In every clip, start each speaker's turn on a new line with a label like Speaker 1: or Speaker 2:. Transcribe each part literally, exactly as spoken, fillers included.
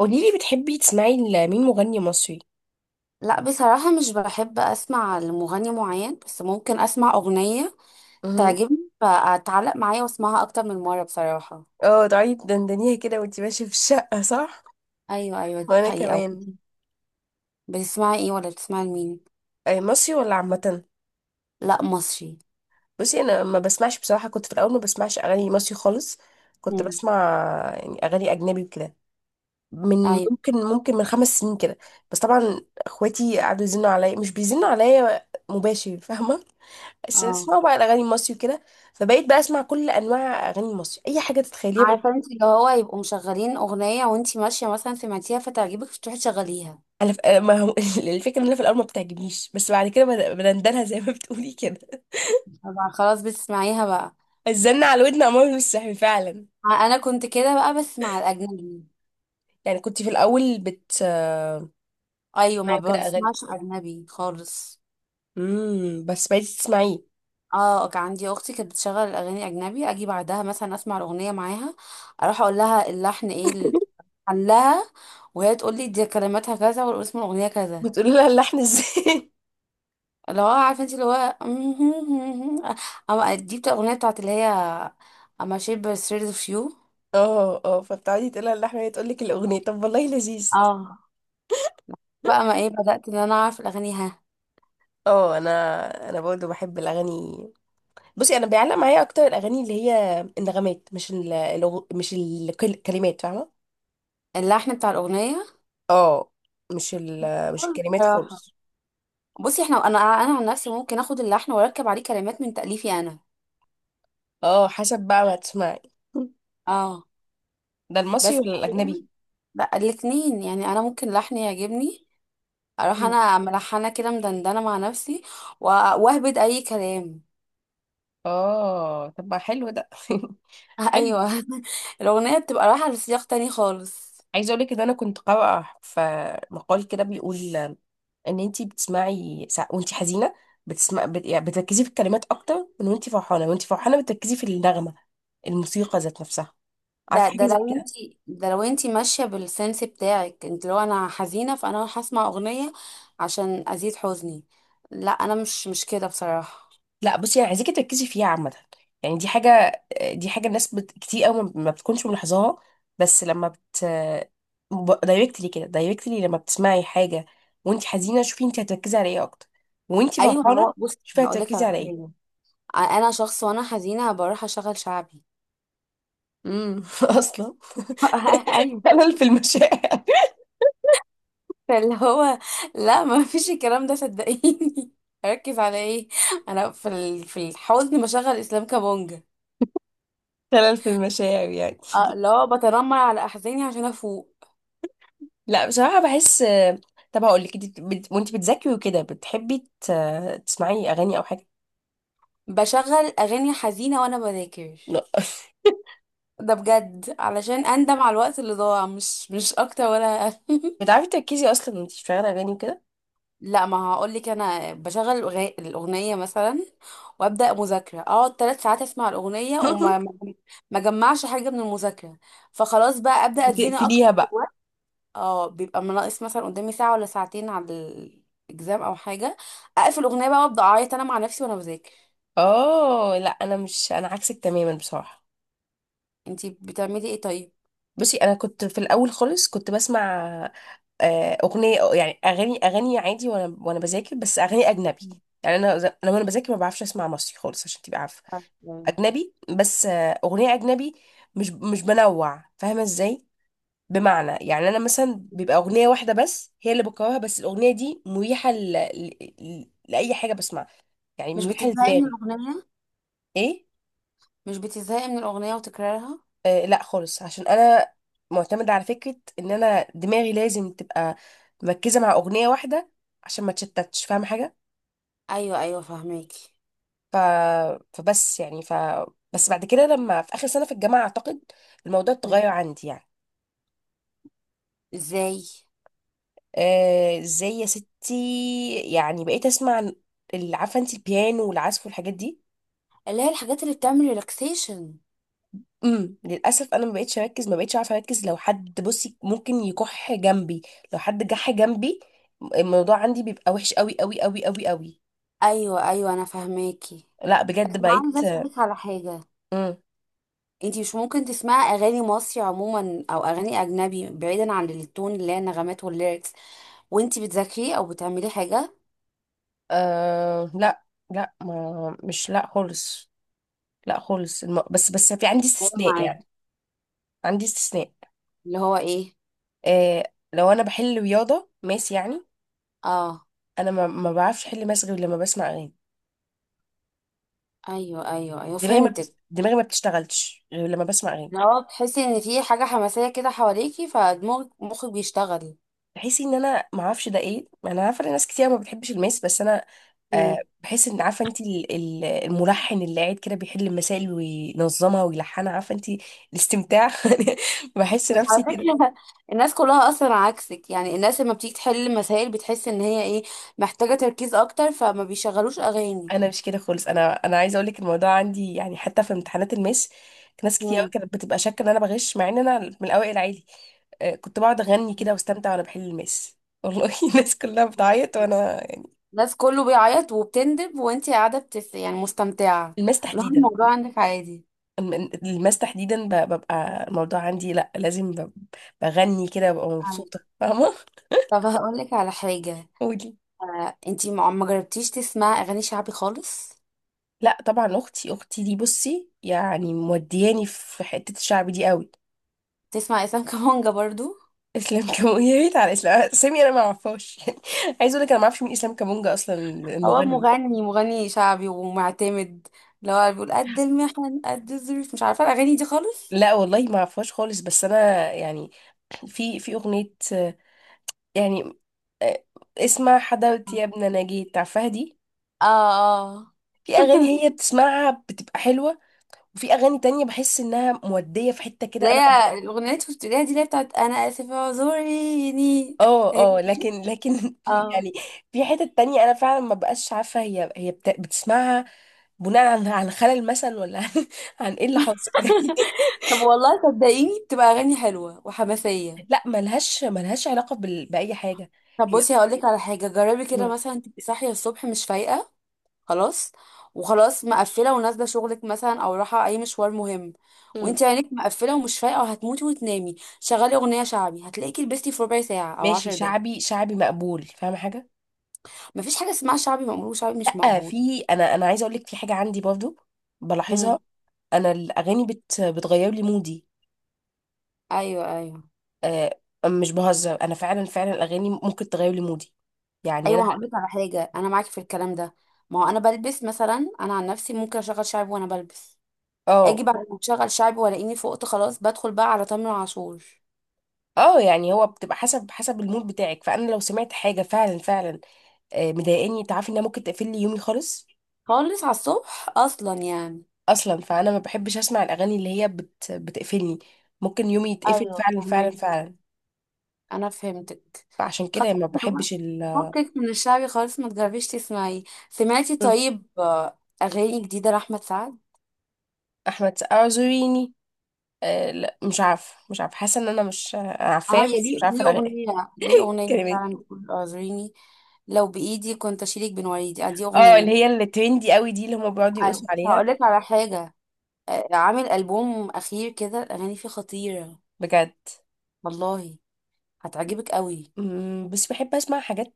Speaker 1: قوليلي بتحبي تسمعي لمين مغني مصري
Speaker 2: لا، بصراحة مش بحب أسمع لمغني معين، بس ممكن أسمع أغنية
Speaker 1: مهم.
Speaker 2: تعجبني فأتعلق معايا وأسمعها أكتر من مرة بصراحة.
Speaker 1: اه، تقعدي تدندنيها كده وانتي ماشية في الشقة صح؟
Speaker 2: أيوة، أيوة، دي
Speaker 1: وانا
Speaker 2: حقيقة.
Speaker 1: كمان.
Speaker 2: بتسمعي إيه ولا بتسمعي لمين؟
Speaker 1: اي مصري ولا عامة؟
Speaker 2: لا، مصري.
Speaker 1: بصي، انا ما بسمعش بصراحة. كنت في الاول ما بسمعش اغاني مصري خالص، كنت
Speaker 2: مم.
Speaker 1: بسمع يعني اغاني اجنبي وكده. من
Speaker 2: أيوة.
Speaker 1: ممكن ممكن من خمس سنين كده. بس طبعا اخواتي قعدوا يزنوا عليا، مش بيزنوا عليا مباشر فاهمة، بس
Speaker 2: اه.
Speaker 1: اسمعوا بقى الاغاني المصري وكده. فبقيت بقى اسمع كل انواع اغاني مصري، اي حاجة تتخيليها.
Speaker 2: عارفة انت، اللي هو يبقوا مشغلين أغنية وانت ماشية مثلا سمعتيها فتعجبك فتروحي تشغليها.
Speaker 1: انا ف... ما هو الفكره ان انا في الاول ما بتعجبنيش، بس بعد كده بد- بندلها زي ما بتقولي كده.
Speaker 2: طبعا، خلاص بتسمعيها بقى.
Speaker 1: الزن على ودن عمر مش صحي فعلا.
Speaker 2: أنا كنت كده بقى بس مع الأجنبي.
Speaker 1: يعني كنت في الاول بت آه،
Speaker 2: أيوة، ما
Speaker 1: معي كده اغاني.
Speaker 2: بسمعش أجنبي خالص.
Speaker 1: امم بس بقيتي تسمعيه.
Speaker 2: اه، كان عندي اختي كانت بتشغل الاغاني اجنبي، اجي بعدها مثلا اسمع الاغنيه معاها. اروح اقول لها اللحن ايه، ال- حلها. وهي تقول لي دي كلماتها كذا والاسم الاغنيه كذا.
Speaker 1: بتقولي لها اللحن ازاي؟
Speaker 2: اللي هو عارفه انت، اللي هو اما دي بتاع الاغنيه بتاعت اللي هي، اما شيب ستريت اوف يو.
Speaker 1: اه اه فبتقعدي تقولي لها اللحن وهي تقول لك الاغنيه، طب والله لذيذ.
Speaker 2: اه، بقى ما ايه بدات ان انا اعرف الاغاني، ها.
Speaker 1: اه، انا انا برضه بحب الاغاني. بصي انا بيعلق معايا اكتر الاغاني اللي هي النغمات، مش ال... الأغ- مش الكلمات فاهمه.
Speaker 2: اللحن بتاع الاغنيه.
Speaker 1: اه، مش ال... مش
Speaker 2: كل
Speaker 1: الكلمات
Speaker 2: بصراحة.
Speaker 1: خالص.
Speaker 2: بصي احنا، انا انا عن نفسي ممكن اخد اللحن واركب عليه كلمات من تاليفي انا.
Speaker 1: اه حسب بقى ما تسمعي،
Speaker 2: اه،
Speaker 1: ده المصري
Speaker 2: بس.
Speaker 1: ولا الاجنبي.
Speaker 2: لا، الاثنين يعني انا ممكن لحن يعجبني. اروح
Speaker 1: مم.
Speaker 2: انا ملحنه كده مدندنه مع نفسي. و- واهبد اي كلام.
Speaker 1: اه طب ما حلو ده. حلو.
Speaker 2: ايوه. الاغنيه بتبقى رايحه لسياق تاني خالص.
Speaker 1: عايزه اقول لك ان انا كنت قارئه في مقال كده بيقول ان انتي بتسمعي سا... وانتي حزينه بتسمع بت... يعني بتركزي في الكلمات اكتر من وانتي فرحانه، وانتي فرحانه بتركزي في النغمه، الموسيقى ذات نفسها.
Speaker 2: ده
Speaker 1: عارفه
Speaker 2: ده
Speaker 1: حاجه زي
Speaker 2: لو
Speaker 1: كده؟
Speaker 2: انتي ده لو انتي ماشيه بالسنس بتاعك انت، لو انا حزينه فانا هروح اسمع اغنيه عشان ازيد حزني. لا، انا مش مش كده بصراحه.
Speaker 1: لا بصي، يعني عايزاكي تركزي فيها عامة. يعني دي حاجة دي حاجة الناس بت... كتير قوي ما ما بتكونش ملاحظاها. بس لما بت دايركتلي كده، دايركتلي لما بتسمعي حاجة وانت حزينة، شوفي انت هتركزي على ايه اكتر، وانت
Speaker 2: ايوه، ما
Speaker 1: فرحانة
Speaker 2: هو بصي،
Speaker 1: شوفي
Speaker 2: هقول لك
Speaker 1: هتركزي
Speaker 2: على
Speaker 1: على ايه.
Speaker 2: حاجه. انا شخص، وانا حزينه بروح اشغل شعبي.
Speaker 1: امم اصلا
Speaker 2: ايوه.
Speaker 1: خلل في المشاعر.
Speaker 2: فاللي هو، لا، ما فيش الكلام ده صدقيني. اركز على ايه؟ انا في ال- في الحزن بشغل اسلام كابونجا.
Speaker 1: خلل في المشاعر يعني.
Speaker 2: اه لا، بتنمر على احزاني عشان افوق.
Speaker 1: لا بصراحة بحس. طب هقول لك، انت بت... وانت بتذاكري وكده بتحبي ت... تسمعي اغاني او حاجة؟
Speaker 2: بشغل اغاني حزينه وانا بذاكر.
Speaker 1: لا.
Speaker 2: ده بجد علشان اندم على الوقت اللي ضاع، مش مش اكتر ولا أقل.
Speaker 1: بتعرفي تركزي اصلا وانت بتشغلي اغاني وكده؟
Speaker 2: لا، ما هقول لك، انا بشغل الأغ- الاغنيه مثلا وابدا مذاكره، اقعد ثلاث ساعات اسمع الاغنيه وما ما ما اجمعش حاجه من المذاكره. فخلاص بقى ابدا اتزنق اكتر.
Speaker 1: بتقفليها بقى.
Speaker 2: اه، بيبقى ناقص مثلا قدامي ساعة ولا ساعتين على الاكزام او حاجة. اقفل اغنية بقى، وابدا اعيط انا مع نفسي وانا بذاكر.
Speaker 1: اه لا انا مش، انا عكسك تماما بصراحه.
Speaker 2: انتي بتعملي ايه طيب؟
Speaker 1: بصي انا كنت في الاول خالص كنت بسمع آه، اغنيه، يعني اغاني اغاني عادي وانا وانا بذاكر، بس اغاني اجنبي. يعني انا ز- انا وانا بذاكر ما بعرفش اسمع مصري خالص عشان تبقى عارفه.
Speaker 2: يعني
Speaker 1: اجنبي بس، آه، اغنيه اجنبي، مش مش بنوع فاهمه ازاي. بمعنى يعني انا مثلا بيبقى اغنيه واحده بس هي اللي بكرهها، بس الاغنيه دي مريحه ل... ل... ل- لاي حاجه بسمعها، يعني
Speaker 2: مش
Speaker 1: مريحه
Speaker 2: بتزهقي من
Speaker 1: لدماغي.
Speaker 2: الاغنية
Speaker 1: ايه؟
Speaker 2: مش بتزهقي من الاغنية وتكرارها؟
Speaker 1: آه لا خالص، عشان انا معتمده على فكره ان انا دماغي لازم تبقى مركزه مع اغنيه واحده عشان ما تشتتش فاهم حاجه.
Speaker 2: ايوه، ايوه، فاهماكي.
Speaker 1: ف... فبس يعني ف بس بعد كده لما في اخر سنه في الجامعه اعتقد الموضوع
Speaker 2: مم.
Speaker 1: اتغير عندي يعني.
Speaker 2: ازاي؟
Speaker 1: آه، ازاي يا ستي؟ يعني بقيت اسمع ال- عارفه انت البيانو والعزف والحاجات دي.
Speaker 2: اللي هي الحاجات اللي بتعمل ريلاكسيشن.
Speaker 1: امم، للاسف انا ما بقتش اركز، ما بقتش عارفه اركز. لو حد بصي ممكن يكح جنبي، لو حد جح جنبي الموضوع عندي بيبقى وحش قوي قوي قوي قوي قوي.
Speaker 2: ايوه، ايوه، انا فاهماكي.
Speaker 1: لا
Speaker 2: أنا
Speaker 1: بجد
Speaker 2: عايزه
Speaker 1: بقيت.
Speaker 2: اسالك على حاجه.
Speaker 1: مم.
Speaker 2: انتي مش ممكن تسمعي اغاني مصري عموما او اغاني اجنبي بعيدا عن التون، اللي هي النغمات والليركس، وانتي بتذاكري او بتعملي حاجه؟
Speaker 1: آه لا لا ما مش لا خالص لا خالص الم... بس بس في عندي
Speaker 2: أيوة،
Speaker 1: استثناء يعني.
Speaker 2: معاكي.
Speaker 1: عندي استثناء،
Speaker 2: اللي هو ايه؟
Speaker 1: آه، لو انا بحل رياضة ماس يعني.
Speaker 2: اه،
Speaker 1: انا ما, ما بعرفش احل ماس غير لما بسمع اغاني.
Speaker 2: ايوه، ايوه، ايوه،
Speaker 1: دماغي ما بت...
Speaker 2: فهمتك.
Speaker 1: دماغي ما بتشتغلش غير لما بسمع اغاني.
Speaker 2: اللي هو تحسي ان في حاجه حماسيه كده حواليكي فدماغك، مخك بيشتغل.
Speaker 1: بحس ان انا ما اعرفش ده ايه، انا عارفه ان ناس كتير ما بتحبش الماس، بس انا آه
Speaker 2: مم.
Speaker 1: بحس ان عارفه انت ال- ال- الملحن اللي قاعد كده بيحل المسائل وينظمها ويلحنها، عارفه انت الاستمتاع. بحس
Speaker 2: بس
Speaker 1: نفسي
Speaker 2: على
Speaker 1: كده.
Speaker 2: فكره الناس كلها اصلا عكسك، يعني الناس لما بتيجي تحل مسائل بتحس ان هي، ايه، محتاجه تركيز اكتر فما بيشغلوش اغاني.
Speaker 1: انا مش كده خالص، انا انا عايزه اقول لك الموضوع عندي يعني حتى في امتحانات الماس ناس كتير قوي
Speaker 2: مم.
Speaker 1: كانت بتبقى شاكه ان انا بغش، مع ان انا من الاوائل عادي. آه، كنت بقعد اغني كده واستمتع وانا بحل الماس، والله. الناس كلها بتعيط وانا يعني.
Speaker 2: الناس كله بيعيط وبتندب وانتي قاعده بتس، يعني مستمتعه.
Speaker 1: الماس
Speaker 2: اللي هو
Speaker 1: تحديدا،
Speaker 2: الموضوع عندك عادي.
Speaker 1: الم- الماس تحديدا ب- ببقى الموضوع عندي، لا لازم ب- بغني كده ببقى مبسوطة.
Speaker 2: أيوة.
Speaker 1: فاهمة.
Speaker 2: طب هقول لك على حاجه.
Speaker 1: قولي.
Speaker 2: آه، انتي ما ما جربتيش تسمعي اغاني شعبي خالص؟
Speaker 1: لا طبعا، اختي اختي دي بصي يعني مودياني في حتة الشعب دي قوي.
Speaker 2: تسمع اسلام كمانجا برضو؟
Speaker 1: اسلام كامونجا يا ريت، على اسلام سامي انا ما اعرفهاش. يعني عايز اقول لك انا ما اعرفش مين اسلام كامونجا اصلا
Speaker 2: هو
Speaker 1: المغني.
Speaker 2: مغني، مغني شعبي ومعتمد. اللي هو بيقول قد المحن، قد الظروف، مش عارفه الاغاني دي خالص.
Speaker 1: لا والله ما اعرفهاش خالص، بس انا يعني في في اغنية، آه، يعني آه، اسمع حدوتي يا ابن نجيت، عارفاها دي.
Speaker 2: اه، اه،
Speaker 1: في اغاني هي بتسمعها بتبقى حلوة، وفي اغاني تانية بحس انها مودية في حتة كده.
Speaker 2: اللي
Speaker 1: انا
Speaker 2: هي الاغنيه اللي شفت ليها دي اللي هي بتاعت انا اسف اعذريني.
Speaker 1: اه
Speaker 2: هي،
Speaker 1: اه لكن لكن في
Speaker 2: اه.
Speaker 1: يعني في حتة تانية انا فعلا ما بقاش عارفة هي هي بت... بتسمعها بناء عن عن خلل مثلا ولا عن، عن ايه اللي حاصل.
Speaker 2: طب والله صدقيني، بتبقى اغاني حلوه وحماسيه.
Speaker 1: لا ملهاش ملهاش علاقة بال... بأي حاجة.
Speaker 2: طب
Speaker 1: هي.
Speaker 2: بصي، هقول لك على حاجه، جربي كده
Speaker 1: مم.
Speaker 2: مثلا تبقي صاحيه الصبح مش فايقه. خلاص. وخلاص مقفله ونازله شغلك مثلا او رايحه اي مشوار مهم،
Speaker 1: مم.
Speaker 2: وانت عينك مقفله ومش فايقه وهتموتي وتنامي، شغلي اغنيه شعبي هتلاقيكي لبستي في ربع ساعه او
Speaker 1: ماشي،
Speaker 2: عشر دقايق.
Speaker 1: شعبي شعبي مقبول فاهمة حاجة.
Speaker 2: مفيش حاجه اسمها شعبي مقبول وشعبي مش
Speaker 1: لا
Speaker 2: مقبول.
Speaker 1: في، انا انا عايزة اقول لك في حاجة عندي برضو
Speaker 2: هم.
Speaker 1: بلاحظها. انا الاغاني بت... بتغير لي مودي.
Speaker 2: ايوه، ايوه،
Speaker 1: آه، مش بهزر، انا فعلا فعلا الاغاني ممكن تغير لي مودي. يعني انا
Speaker 2: ايوه، هقول لك على حاجه، انا معاكي في الكلام ده. ما هو انا بلبس مثلا، انا عن نفسي ممكن اشغل شعبي وانا بلبس. اجي
Speaker 1: اه.
Speaker 2: بعد ما اشغل شعبي والاقيني فقت، خلاص بدخل بقى على تامر عاشور.
Speaker 1: اه يعني هو بتبقى حسب، حسب المود بتاعك. فانا لو سمعت حاجه فعلا فعلا آه مضايقاني، تعرفي انها ممكن تقفل لي يومي خالص.
Speaker 2: خالص على الصبح اصلا يعني.
Speaker 1: اصلا فانا ما بحبش اسمع الاغاني اللي هي بت بتقفلني، ممكن يومي يتقفل
Speaker 2: ايوه،
Speaker 1: فعلا فعلا
Speaker 2: فهماكي.
Speaker 1: فعلا.
Speaker 2: انا فهمتك.
Speaker 1: فعشان كده ما
Speaker 2: هو-
Speaker 1: بحبش ال.
Speaker 2: فكك من الشعبي خالص، ما تجربيش تسمعيه. سمعتي
Speaker 1: مم.
Speaker 2: طيب آه، اغاني جديده لاحمد سعد؟
Speaker 1: احمد سقا اعذريني. آه لا، مش عارفه، مش عارفه، حاسه ان انا مش
Speaker 2: اه،
Speaker 1: عارفاه،
Speaker 2: يا،
Speaker 1: بس
Speaker 2: ليه
Speaker 1: مش عارفه
Speaker 2: ليه
Speaker 1: الأغ-
Speaker 2: اغنيه، ليه اغنيه
Speaker 1: الكلمات.
Speaker 2: فعلا بتقول اعذريني. لو بايدي كنت اشيلك بين وريدي، آه، دي
Speaker 1: اه،
Speaker 2: اغنيه.
Speaker 1: اللي هي اللي ترندي قوي دي اللي هم بيقعدوا
Speaker 2: آه،
Speaker 1: يقصوا عليها.
Speaker 2: هقول لك على حاجه. آه، عامل البوم اخير كده الاغاني فيه خطيره.
Speaker 1: بجد.
Speaker 2: والله هتعجبك قوي.
Speaker 1: مم، بس بحب اسمع حاجات،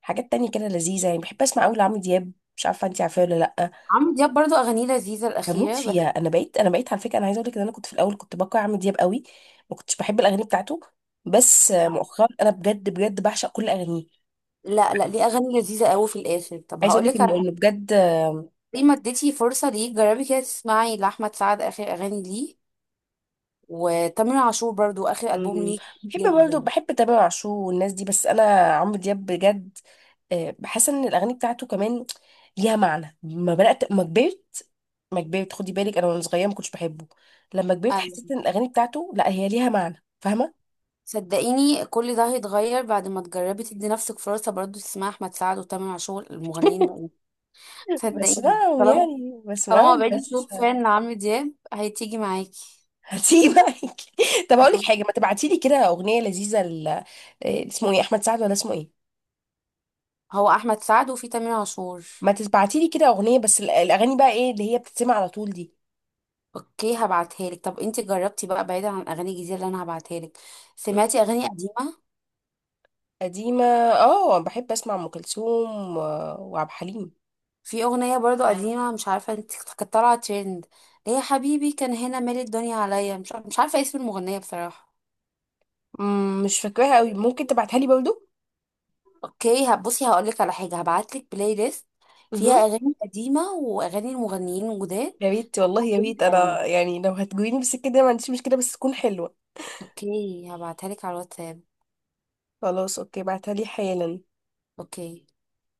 Speaker 1: حاجات تانية كده لذيذة. يعني بحب اسمع قوي لعمرو دياب، مش عارفة انتي عارفاه ولا لأ.
Speaker 2: عمرو دياب برضو اغانيه لذيذه
Speaker 1: بموت
Speaker 2: الاخيره
Speaker 1: فيها
Speaker 2: بس.
Speaker 1: انا. بقيت انا بقيت على فكرة. انا عايزة اقول لك ان انا كنت في الاول كنت بكره عمرو دياب قوي، ما كنتش بحب الاغاني بتاعته، بس مؤخرا انا بجد بجد بعشق كل اغانيه.
Speaker 2: لا، لا، ليه اغاني لذيذه قوي في الاخر. طب
Speaker 1: عايزة
Speaker 2: هقول
Speaker 1: اقول لك
Speaker 2: لك على
Speaker 1: انه
Speaker 2: حاجه.
Speaker 1: انه بجد.
Speaker 2: ليه ما اديتي فرصه؟ ليه جربي كده تسمعي لاحمد سعد اخر اغاني ليه؟ وتامر عاشور برضو اخر البوم
Speaker 1: مم،
Speaker 2: ليه.
Speaker 1: بحب برضه
Speaker 2: جدا.
Speaker 1: بحب تامر عاشور والناس دي، بس انا عمرو دياب بجد، آه، بحس ان الاغاني بتاعته كمان ليها معنى. ما بدأت ما كبرت، ما كبرت خدي بالك، انا وانا صغيره ما كنتش بحبه، لما كبرت حسيت
Speaker 2: ايوه،
Speaker 1: ان الاغاني بتاعته لا، هي ليها معنى فاهمه.
Speaker 2: صدقيني كل ده هيتغير بعد ما تجربي تدي نفسك فرصه، برضو تسمعي احمد سعد وتامر عاشور المغنيين بقى. صدقيني،
Speaker 1: بسمعهم
Speaker 2: طالما
Speaker 1: يعني،
Speaker 2: طالما
Speaker 1: بسمعهم
Speaker 2: بقيتي
Speaker 1: بس.
Speaker 2: صوت فان لعمرو دياب هتيجي معاكي.
Speaker 1: هسيبك. طب هقول لك
Speaker 2: آه.
Speaker 1: حاجه، ما تبعتي لي كده اغنيه لذيذه ل... إيه اسمه ايه احمد سعد ولا اسمه ايه؟
Speaker 2: هو احمد سعد وفي تامر عاشور.
Speaker 1: ما تبعتي لي كده اغنيه، بس ال- الاغاني بقى ايه اللي هي بتتسمع على طول دي.
Speaker 2: اوكي، هبعتها لك. طب انت جربتي بقى، بعيدا عن الاغاني الجديده اللي انا هبعتها لك،
Speaker 1: مم.
Speaker 2: سمعتي اغاني قديمه؟
Speaker 1: قديمه. اه بحب اسمع ام كلثوم و- وعبد الحليم.
Speaker 2: في اغنيه برضو قديمه، مش عارفه انت كانت طالعه ترند، ليه يا حبيبي كان هنا مال الدنيا عليا، مش عارفه مش عارفه اسم المغنيه بصراحه.
Speaker 1: مم، مش فاكراها قوي، ممكن تبعتها لي برضو.
Speaker 2: اوكي، هبصي، هقولك على حاجه، هبعتلك بلاي ليست فيها
Speaker 1: مهم.
Speaker 2: اغاني قديمه واغاني المغنيين الجداد.
Speaker 1: يا ريت والله يا
Speaker 2: هتعجبك
Speaker 1: ريت، انا
Speaker 2: قوي.
Speaker 1: يعني لو هتجويني بالسكه دي أنا ما عنديش مشكله بس تكون حلوه.
Speaker 2: اوكي، هبعتها لك على الواتساب.
Speaker 1: خلاص اوكي، بعتها لي حالا.
Speaker 2: اوكي.